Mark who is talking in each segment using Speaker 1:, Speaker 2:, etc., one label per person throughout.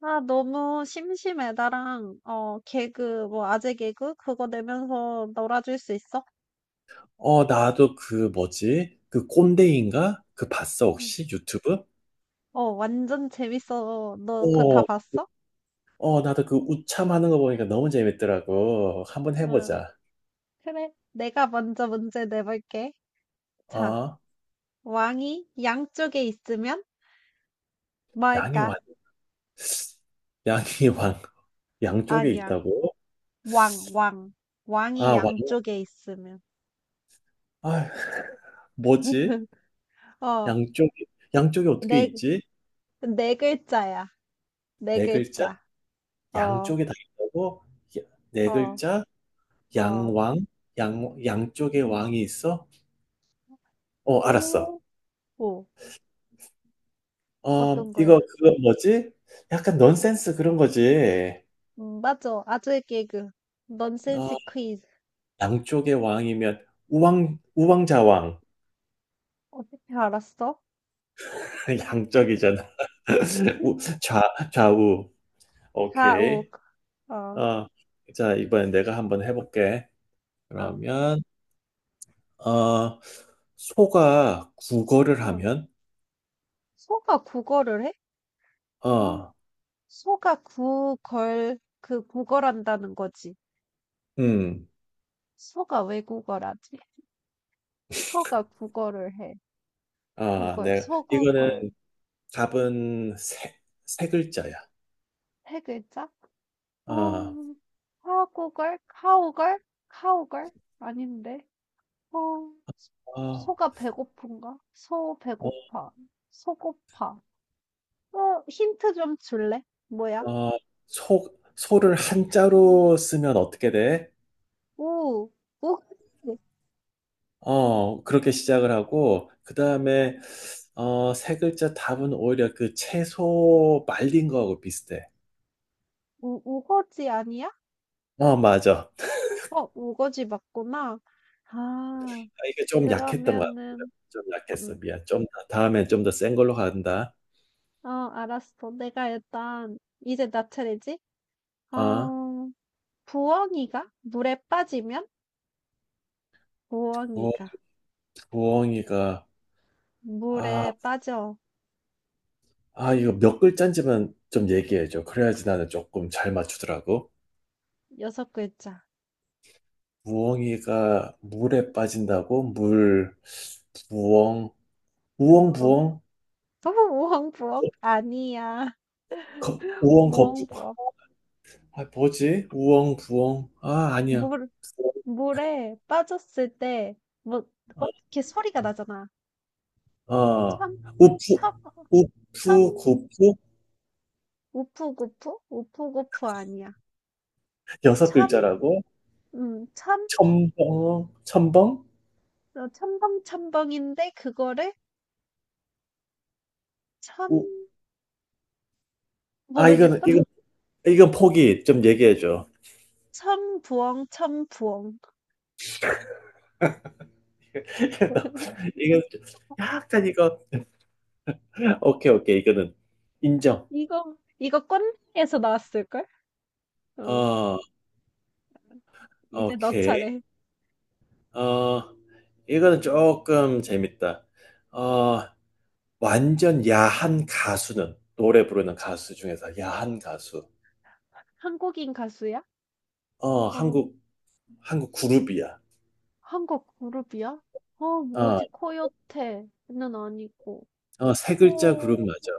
Speaker 1: 아, 너무 심심해. 나랑, 개그, 뭐, 아재 개그? 그거 내면서 놀아줄 수 있어?
Speaker 2: 나도 그 뭐지? 그 꼰대인가? 그 봤어,
Speaker 1: 응.
Speaker 2: 혹시? 유튜브?
Speaker 1: 완전 재밌어. 너 그거 다
Speaker 2: 어,
Speaker 1: 봤어?
Speaker 2: 나도 그 우참 하는 거 보니까 너무 재밌더라고. 한번
Speaker 1: 응.
Speaker 2: 해보자.
Speaker 1: 그래. 내가 먼저 문제 내볼게. 자,
Speaker 2: 어,
Speaker 1: 왕이 양쪽에 있으면
Speaker 2: 양이
Speaker 1: 뭘까?
Speaker 2: 왕, 양이 왕, 양쪽에
Speaker 1: 아니야.
Speaker 2: 있다고?
Speaker 1: 왕, 왕. 왕이
Speaker 2: 아, 왕,
Speaker 1: 양쪽에 있으면.
Speaker 2: 아, 뭐지?
Speaker 1: 어,
Speaker 2: 양쪽에, 양쪽에 어떻게
Speaker 1: 네,
Speaker 2: 있지?
Speaker 1: 네 글자야. 네
Speaker 2: 네 글자?
Speaker 1: 글자. 어,
Speaker 2: 양쪽에 다 있다고? 야- 네
Speaker 1: 어,
Speaker 2: 글자?
Speaker 1: 어.
Speaker 2: 양왕? 양쪽에 왕이 있어? 알았어.
Speaker 1: 오, 오. 어떤
Speaker 2: 이거
Speaker 1: 거야?
Speaker 2: 그거 뭐지? 약간 넌센스 그런 거지.
Speaker 1: 맞아. 아재 개그. 넌센스
Speaker 2: 어
Speaker 1: 퀴즈.
Speaker 2: 양쪽의 왕이면 우왕좌왕.
Speaker 1: 어떻게 알았어?
Speaker 2: 양쪽이잖아. 우 좌 좌우.
Speaker 1: 자, 오,
Speaker 2: 오케이.
Speaker 1: 아,
Speaker 2: 어. 자, 이번엔 내가 한번 해볼게.
Speaker 1: 아,
Speaker 2: 그러면 어 소가 국어를
Speaker 1: 아.
Speaker 2: 하면?
Speaker 1: 소가 국어를 해? 아,
Speaker 2: 어
Speaker 1: 소가 구걸, 그 구걸한다는 거지.
Speaker 2: 음.
Speaker 1: 소가 왜 구걸하지? 소가 국어를 해.
Speaker 2: 아,
Speaker 1: 구걸,
Speaker 2: 네. 이거는
Speaker 1: 소구걸.
Speaker 2: 답은 세 글자야.
Speaker 1: 세 글자? 어,
Speaker 2: 어,
Speaker 1: 사구걸? 카오걸? 카오걸? 아닌데. 어,
Speaker 2: 어,
Speaker 1: 소가 배고픈가? 소
Speaker 2: 어,
Speaker 1: 배고파. 소고파. 어, 힌트 좀 줄래? 뭐야?
Speaker 2: 어, 소를 한자로 쓰면 어떻게 돼?
Speaker 1: 우, 우거지.
Speaker 2: 그렇게 시작을 하고, 그
Speaker 1: 어,
Speaker 2: 다음에, 세 글자 답은 오히려 그 채소 말린 거하고 비슷해.
Speaker 1: 우, 우거지 아니야?
Speaker 2: 맞아.
Speaker 1: 어, 우거지 맞구나. 아,
Speaker 2: 아, 이게 좀 약했던 것 같아.
Speaker 1: 그러면은,
Speaker 2: 좀 약했어.
Speaker 1: 음,
Speaker 2: 미안. 좀, 다음엔 좀 더 센 걸로 간다.
Speaker 1: 어, 알았어. 내가 일단, 이제 나 차례지?
Speaker 2: 어,
Speaker 1: 어, 부엉이가? 물에 빠지면?
Speaker 2: 부,
Speaker 1: 부엉이가.
Speaker 2: 부엉이가. 아,
Speaker 1: 물에 빠져.
Speaker 2: 아, 이거 몇 글자인지만 좀 얘기해줘. 그래야지 나는 조금 잘 맞추더라고.
Speaker 1: 여섯 글자.
Speaker 2: 부엉이가 물에 빠진다고? 물, 부엉, 우엉,
Speaker 1: 어,
Speaker 2: 부엉?
Speaker 1: 우엉부엉? 아니야.
Speaker 2: 우엉, 거푸.
Speaker 1: 우엉부엉.
Speaker 2: 아, 뭐지? 우엉, 부엉. 아, 아니야.
Speaker 1: 물, 물에 빠졌을 때 뭐 어떻게 소리가 나잖아.
Speaker 2: 아, 어.
Speaker 1: 참,
Speaker 2: 우프
Speaker 1: 참,
Speaker 2: 우프
Speaker 1: 참,
Speaker 2: 고프
Speaker 1: 우프구프? 우프구프 아니야.
Speaker 2: 여섯
Speaker 1: 참,
Speaker 2: 글자라고?
Speaker 1: 참,
Speaker 2: 첨벙, 첨벙?
Speaker 1: 어, 첨벙첨벙인데 그거를 참
Speaker 2: 우, 아, 이거는,
Speaker 1: 모르겠어?
Speaker 2: 이거, 이건 포기. 좀 얘기해줘.
Speaker 1: 참부엉, 참부엉.
Speaker 2: 이거, 약간 이거, 오케이, 오케이. 이거는 인정.
Speaker 1: 이거, 이거 꼰대에서 나왔을걸? 어,
Speaker 2: 어,
Speaker 1: 이제 너
Speaker 2: 오케이.
Speaker 1: 차례.
Speaker 2: 어, 이거는 조금 재밌다. 어, 완전 야한 가수는, 노래 부르는 가수 중에서 야한 가수.
Speaker 1: 한국인 가수야?
Speaker 2: 어,
Speaker 1: 어,
Speaker 2: 한국, 한국 그룹이야.
Speaker 1: 한국 그룹이야?
Speaker 2: 어,
Speaker 1: 뭐지, 코요테는 아니고.
Speaker 2: 세 글자 그룹
Speaker 1: 어,
Speaker 2: 맞아.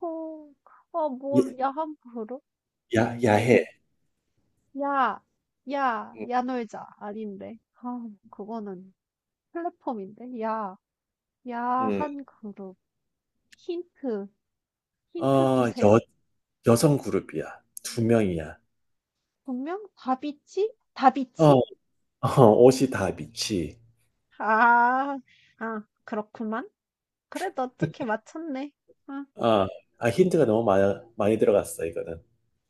Speaker 1: 어. 아
Speaker 2: 예-
Speaker 1: 뭘 야한 그룹?
Speaker 2: 야해.
Speaker 1: 음. 야. 야.
Speaker 2: 음,
Speaker 1: 야 놀자. 아닌데. 아, 그거는 플랫폼인데. 야.
Speaker 2: 음.
Speaker 1: 야한 그룹. 힌트. 힌트
Speaker 2: 어, 여,
Speaker 1: 주세요.
Speaker 2: 여성 그룹이야. 두 명이야.
Speaker 1: 분명 다비치?
Speaker 2: 어,
Speaker 1: 다비치?
Speaker 2: 옷이 다 미치.
Speaker 1: 아. 아, 그렇구만. 그래도 어떻게 맞췄네. 아,
Speaker 2: 어, 아, 힌트가 너무 많이 들어갔어, 이거는.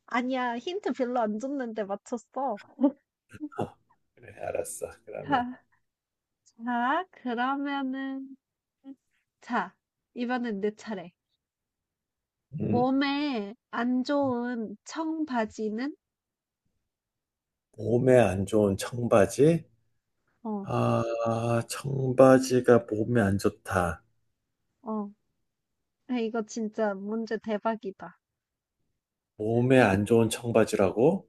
Speaker 1: 아니야. 힌트 별로 안 줬는데 맞췄어.
Speaker 2: 어, 그래, 알았어. 그러면.
Speaker 1: 자, 자, 그러면은 자, 이번엔 내 차례.
Speaker 2: 음,
Speaker 1: 몸에 안 좋은 청바지는?
Speaker 2: 몸에 안 좋은 청바지.
Speaker 1: 어,
Speaker 2: 아, 청바지가 몸에 안 좋다.
Speaker 1: 어. 야, 이거 진짜 문제 대박이다.
Speaker 2: 몸에 안 좋은 청바지라고?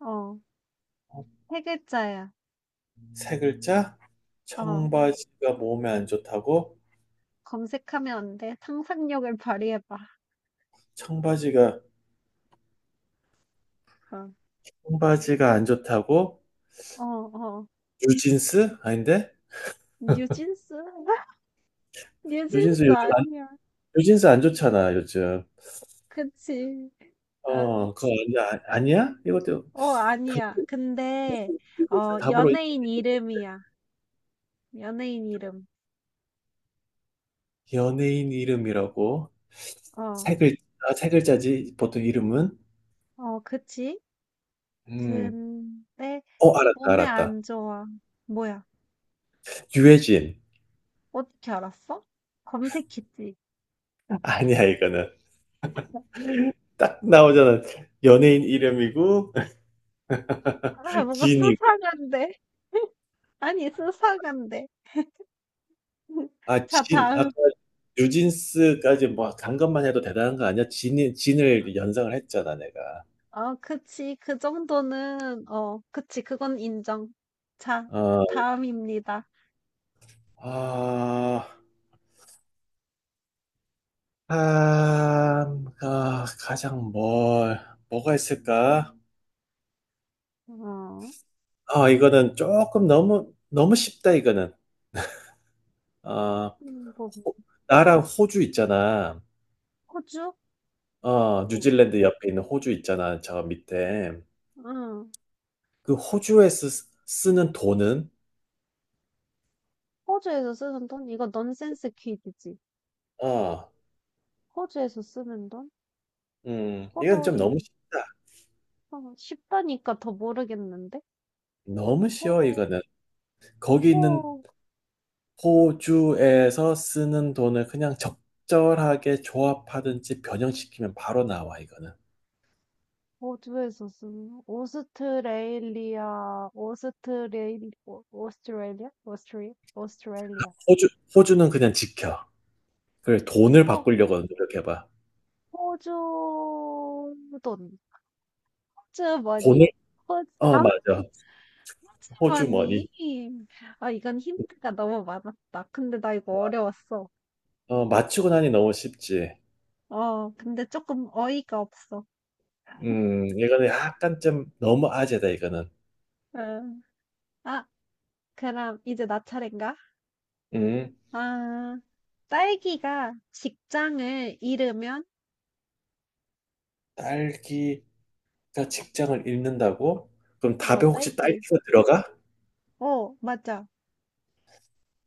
Speaker 1: 어, 세 글자야.
Speaker 2: 세 글자?
Speaker 1: 어,
Speaker 2: 청바지가 몸에 안 좋다고?
Speaker 1: 검색하면 안 돼. 상상력을 발휘해봐.
Speaker 2: 청바지가,
Speaker 1: 어,
Speaker 2: 청바지가 안 좋다고?
Speaker 1: 어, 어.
Speaker 2: 뉴진스? 아닌데?
Speaker 1: 뉴진스?
Speaker 2: 뉴진스
Speaker 1: 뉴진스
Speaker 2: 요즘 안,
Speaker 1: 아니야.
Speaker 2: 뉴진스 안 좋잖아, 요즘.
Speaker 1: 그치. 아,
Speaker 2: 그거
Speaker 1: 치-
Speaker 2: 아니야? 아니야? 이것도
Speaker 1: 어,
Speaker 2: 답,
Speaker 1: 아니야. 근데,
Speaker 2: 뉴진스 답으로 인정.
Speaker 1: 연예인 이름이야. 연예인 이름.
Speaker 2: 연예인 이름이라고?
Speaker 1: 어,
Speaker 2: 세 글자, 세 글자지, 보통 이름은?
Speaker 1: 어, 그치?
Speaker 2: 음,
Speaker 1: 근데,
Speaker 2: 알았다,
Speaker 1: 몸에
Speaker 2: 알았다.
Speaker 1: 안 좋아. 뭐야?
Speaker 2: 유해진.
Speaker 1: 어떻게 알았어? 검색했지.
Speaker 2: 아니야, 이거는. 딱 나오잖아. 연예인 이름이고,
Speaker 1: 아, 뭔가
Speaker 2: 진이고.
Speaker 1: 수상한데? 아니, 수상한데.
Speaker 2: 아,
Speaker 1: 자, 다음.
Speaker 2: 아까 뉴진스까지 뭐 간 것만 해도 대단한 거 아니야? 진을 연상을 했잖아, 내가.
Speaker 1: 어, 그치. 그 정도는, 어, 그치. 그건 인정. 자,
Speaker 2: 어,
Speaker 1: 다음입니다.
Speaker 2: 아, 가장 뭐가 있을까?
Speaker 1: 어,
Speaker 2: 아, 이거는 조금 너무 쉽다, 이거는. 아,
Speaker 1: 이거,
Speaker 2: 호- 나랑 호주 있잖아.
Speaker 1: 호주? 응,
Speaker 2: 뉴질랜드 옆에 있는 호주 있잖아, 저 밑에.
Speaker 1: 응.
Speaker 2: 그 호주에서 쓰는 돈은?
Speaker 1: 호주에서 쓰는 돈? 이거 넌센스 퀴즈지.
Speaker 2: 어,
Speaker 1: 호주에서 쓰는 돈?
Speaker 2: 이건 좀
Speaker 1: 호돌이.
Speaker 2: 너무 쉽다.
Speaker 1: 어, 쉽다니까 더 모르겠는데?
Speaker 2: 너무 쉬워
Speaker 1: 호,
Speaker 2: 이거는. 거기 있는
Speaker 1: 호.
Speaker 2: 호주에서 쓰는 돈을 그냥 적절하게 조합하든지 변형시키면 바로 나와 이거는.
Speaker 1: 호주에서쓰는 오스트레일리아, 오스트레일, 오- 오스트레일리아? 오스트리, 오스트레일리아.
Speaker 2: 호주 호주는 그냥 지켜. 그래 돈을
Speaker 1: 어,
Speaker 2: 바꾸려고 노력해봐.
Speaker 1: 호주 돈. 호주 머니?
Speaker 2: 돈을
Speaker 1: 호주, 아,
Speaker 2: 어,
Speaker 1: 호주
Speaker 2: 맞아. 호주
Speaker 1: 머니.
Speaker 2: 머니.
Speaker 1: 아, 이건 힌트가 너무 많았다. 근데 나 이거 어려웠어.
Speaker 2: 맞추고 나니 너무 쉽지.
Speaker 1: 근데 조금 어이가 없어.
Speaker 2: 이거는 약간 좀 너무 아재다 이거는.
Speaker 1: 응. 아, 그럼 이제 나 차례인가?
Speaker 2: 음
Speaker 1: 아, 딸기가 직장을 잃으면,
Speaker 2: 딸기 딸기가 직장을 잃는다고? 그럼 답에 혹시
Speaker 1: 딸기.
Speaker 2: 딸기가 들어가?
Speaker 1: 어, 맞아.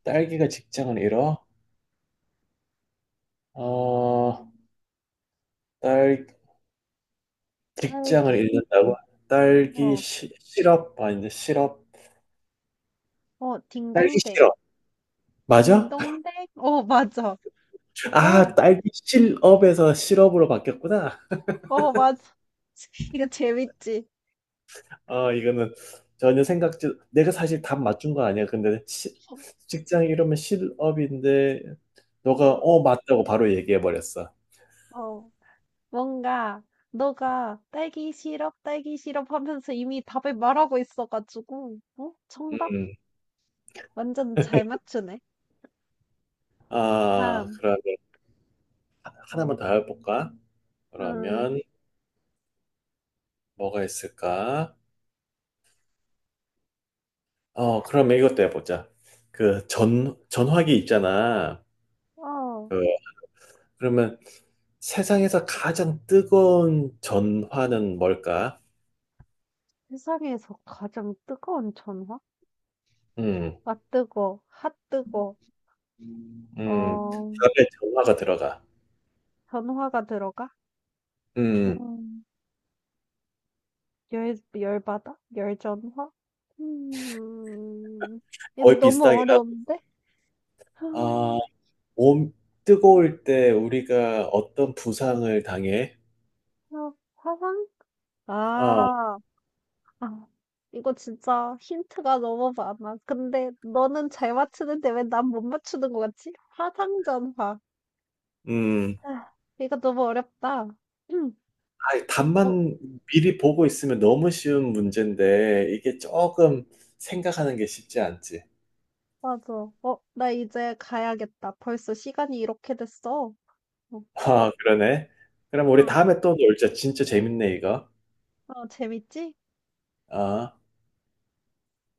Speaker 2: 딸기가 직장을 잃어? 어, 딸, 직장을
Speaker 1: 딸기.
Speaker 2: 잃는다고? 딸기
Speaker 1: 어,
Speaker 2: 실업? 아닌데, 실업?
Speaker 1: 어,
Speaker 2: 딸기 실업.
Speaker 1: 딩동댕.
Speaker 2: 맞아?
Speaker 1: 딩동댕? 어, 맞아. 어,
Speaker 2: 아, 딸기 실업에서 실업으로 바뀌었구나.
Speaker 1: 어, 맞아. 이거 재밌지?
Speaker 2: 이거는 전혀 생각지, 내가 사실 답 맞춘 거 아니야. 근데 직장 이러면 실업인데, 너가
Speaker 1: 어,
Speaker 2: 맞다고 바로 얘기해 버렸어.
Speaker 1: 어. 뭔가, 너가 딸기 시럽, 딸기 시럽 하면서 이미 답을 말하고 있어가지고, 어? 정답?
Speaker 2: 음.
Speaker 1: 완전 잘 맞추네.
Speaker 2: 아,
Speaker 1: 다음.
Speaker 2: 그러면 하나만 더 해볼까?
Speaker 1: 음,
Speaker 2: 그러면 뭐가 있을까? 그럼 이것도 해보자. 그 전화기 있잖아.
Speaker 1: 어,
Speaker 2: 그, 그러면 세상에서 가장 뜨거운 전화는 뭘까?
Speaker 1: 세상에서 가장 뜨거운 전화?
Speaker 2: 음,
Speaker 1: 아, 뜨거. 핫 뜨거. 어,
Speaker 2: 답에 전화가 들어가.
Speaker 1: 전화가 들어가?
Speaker 2: 음,
Speaker 1: 음. 열, 열받아? 열전화? 음, 이거
Speaker 2: 거의
Speaker 1: 너무
Speaker 2: 비슷하긴 하고.
Speaker 1: 어려운데?
Speaker 2: 아,
Speaker 1: 아,
Speaker 2: 몸 뜨거울 때 우리가 어떤 부상을 당해?
Speaker 1: 이거 화상?
Speaker 2: 아,
Speaker 1: 아, 아, 이거 진짜 힌트가 너무 많아. 근데 너는 잘 맞추는데 왜 난 못 맞추는 것 같지? 화상전화.
Speaker 2: 음,
Speaker 1: 아, 이거 너무 어렵다. 음, 어,
Speaker 2: 답만 미리 보고 있으면 너무 쉬운 문제인데 이게 조금 생각하는 게 쉽지 않지.
Speaker 1: 맞아. 어, 나 이제 가야겠다. 벌써 시간이 이렇게 됐어. 어,
Speaker 2: 아, 그러네. 그럼 우리
Speaker 1: 어,
Speaker 2: 다음에 또 놀자. 진짜 재밌네, 이거.
Speaker 1: 어, 재밌지?
Speaker 2: 아.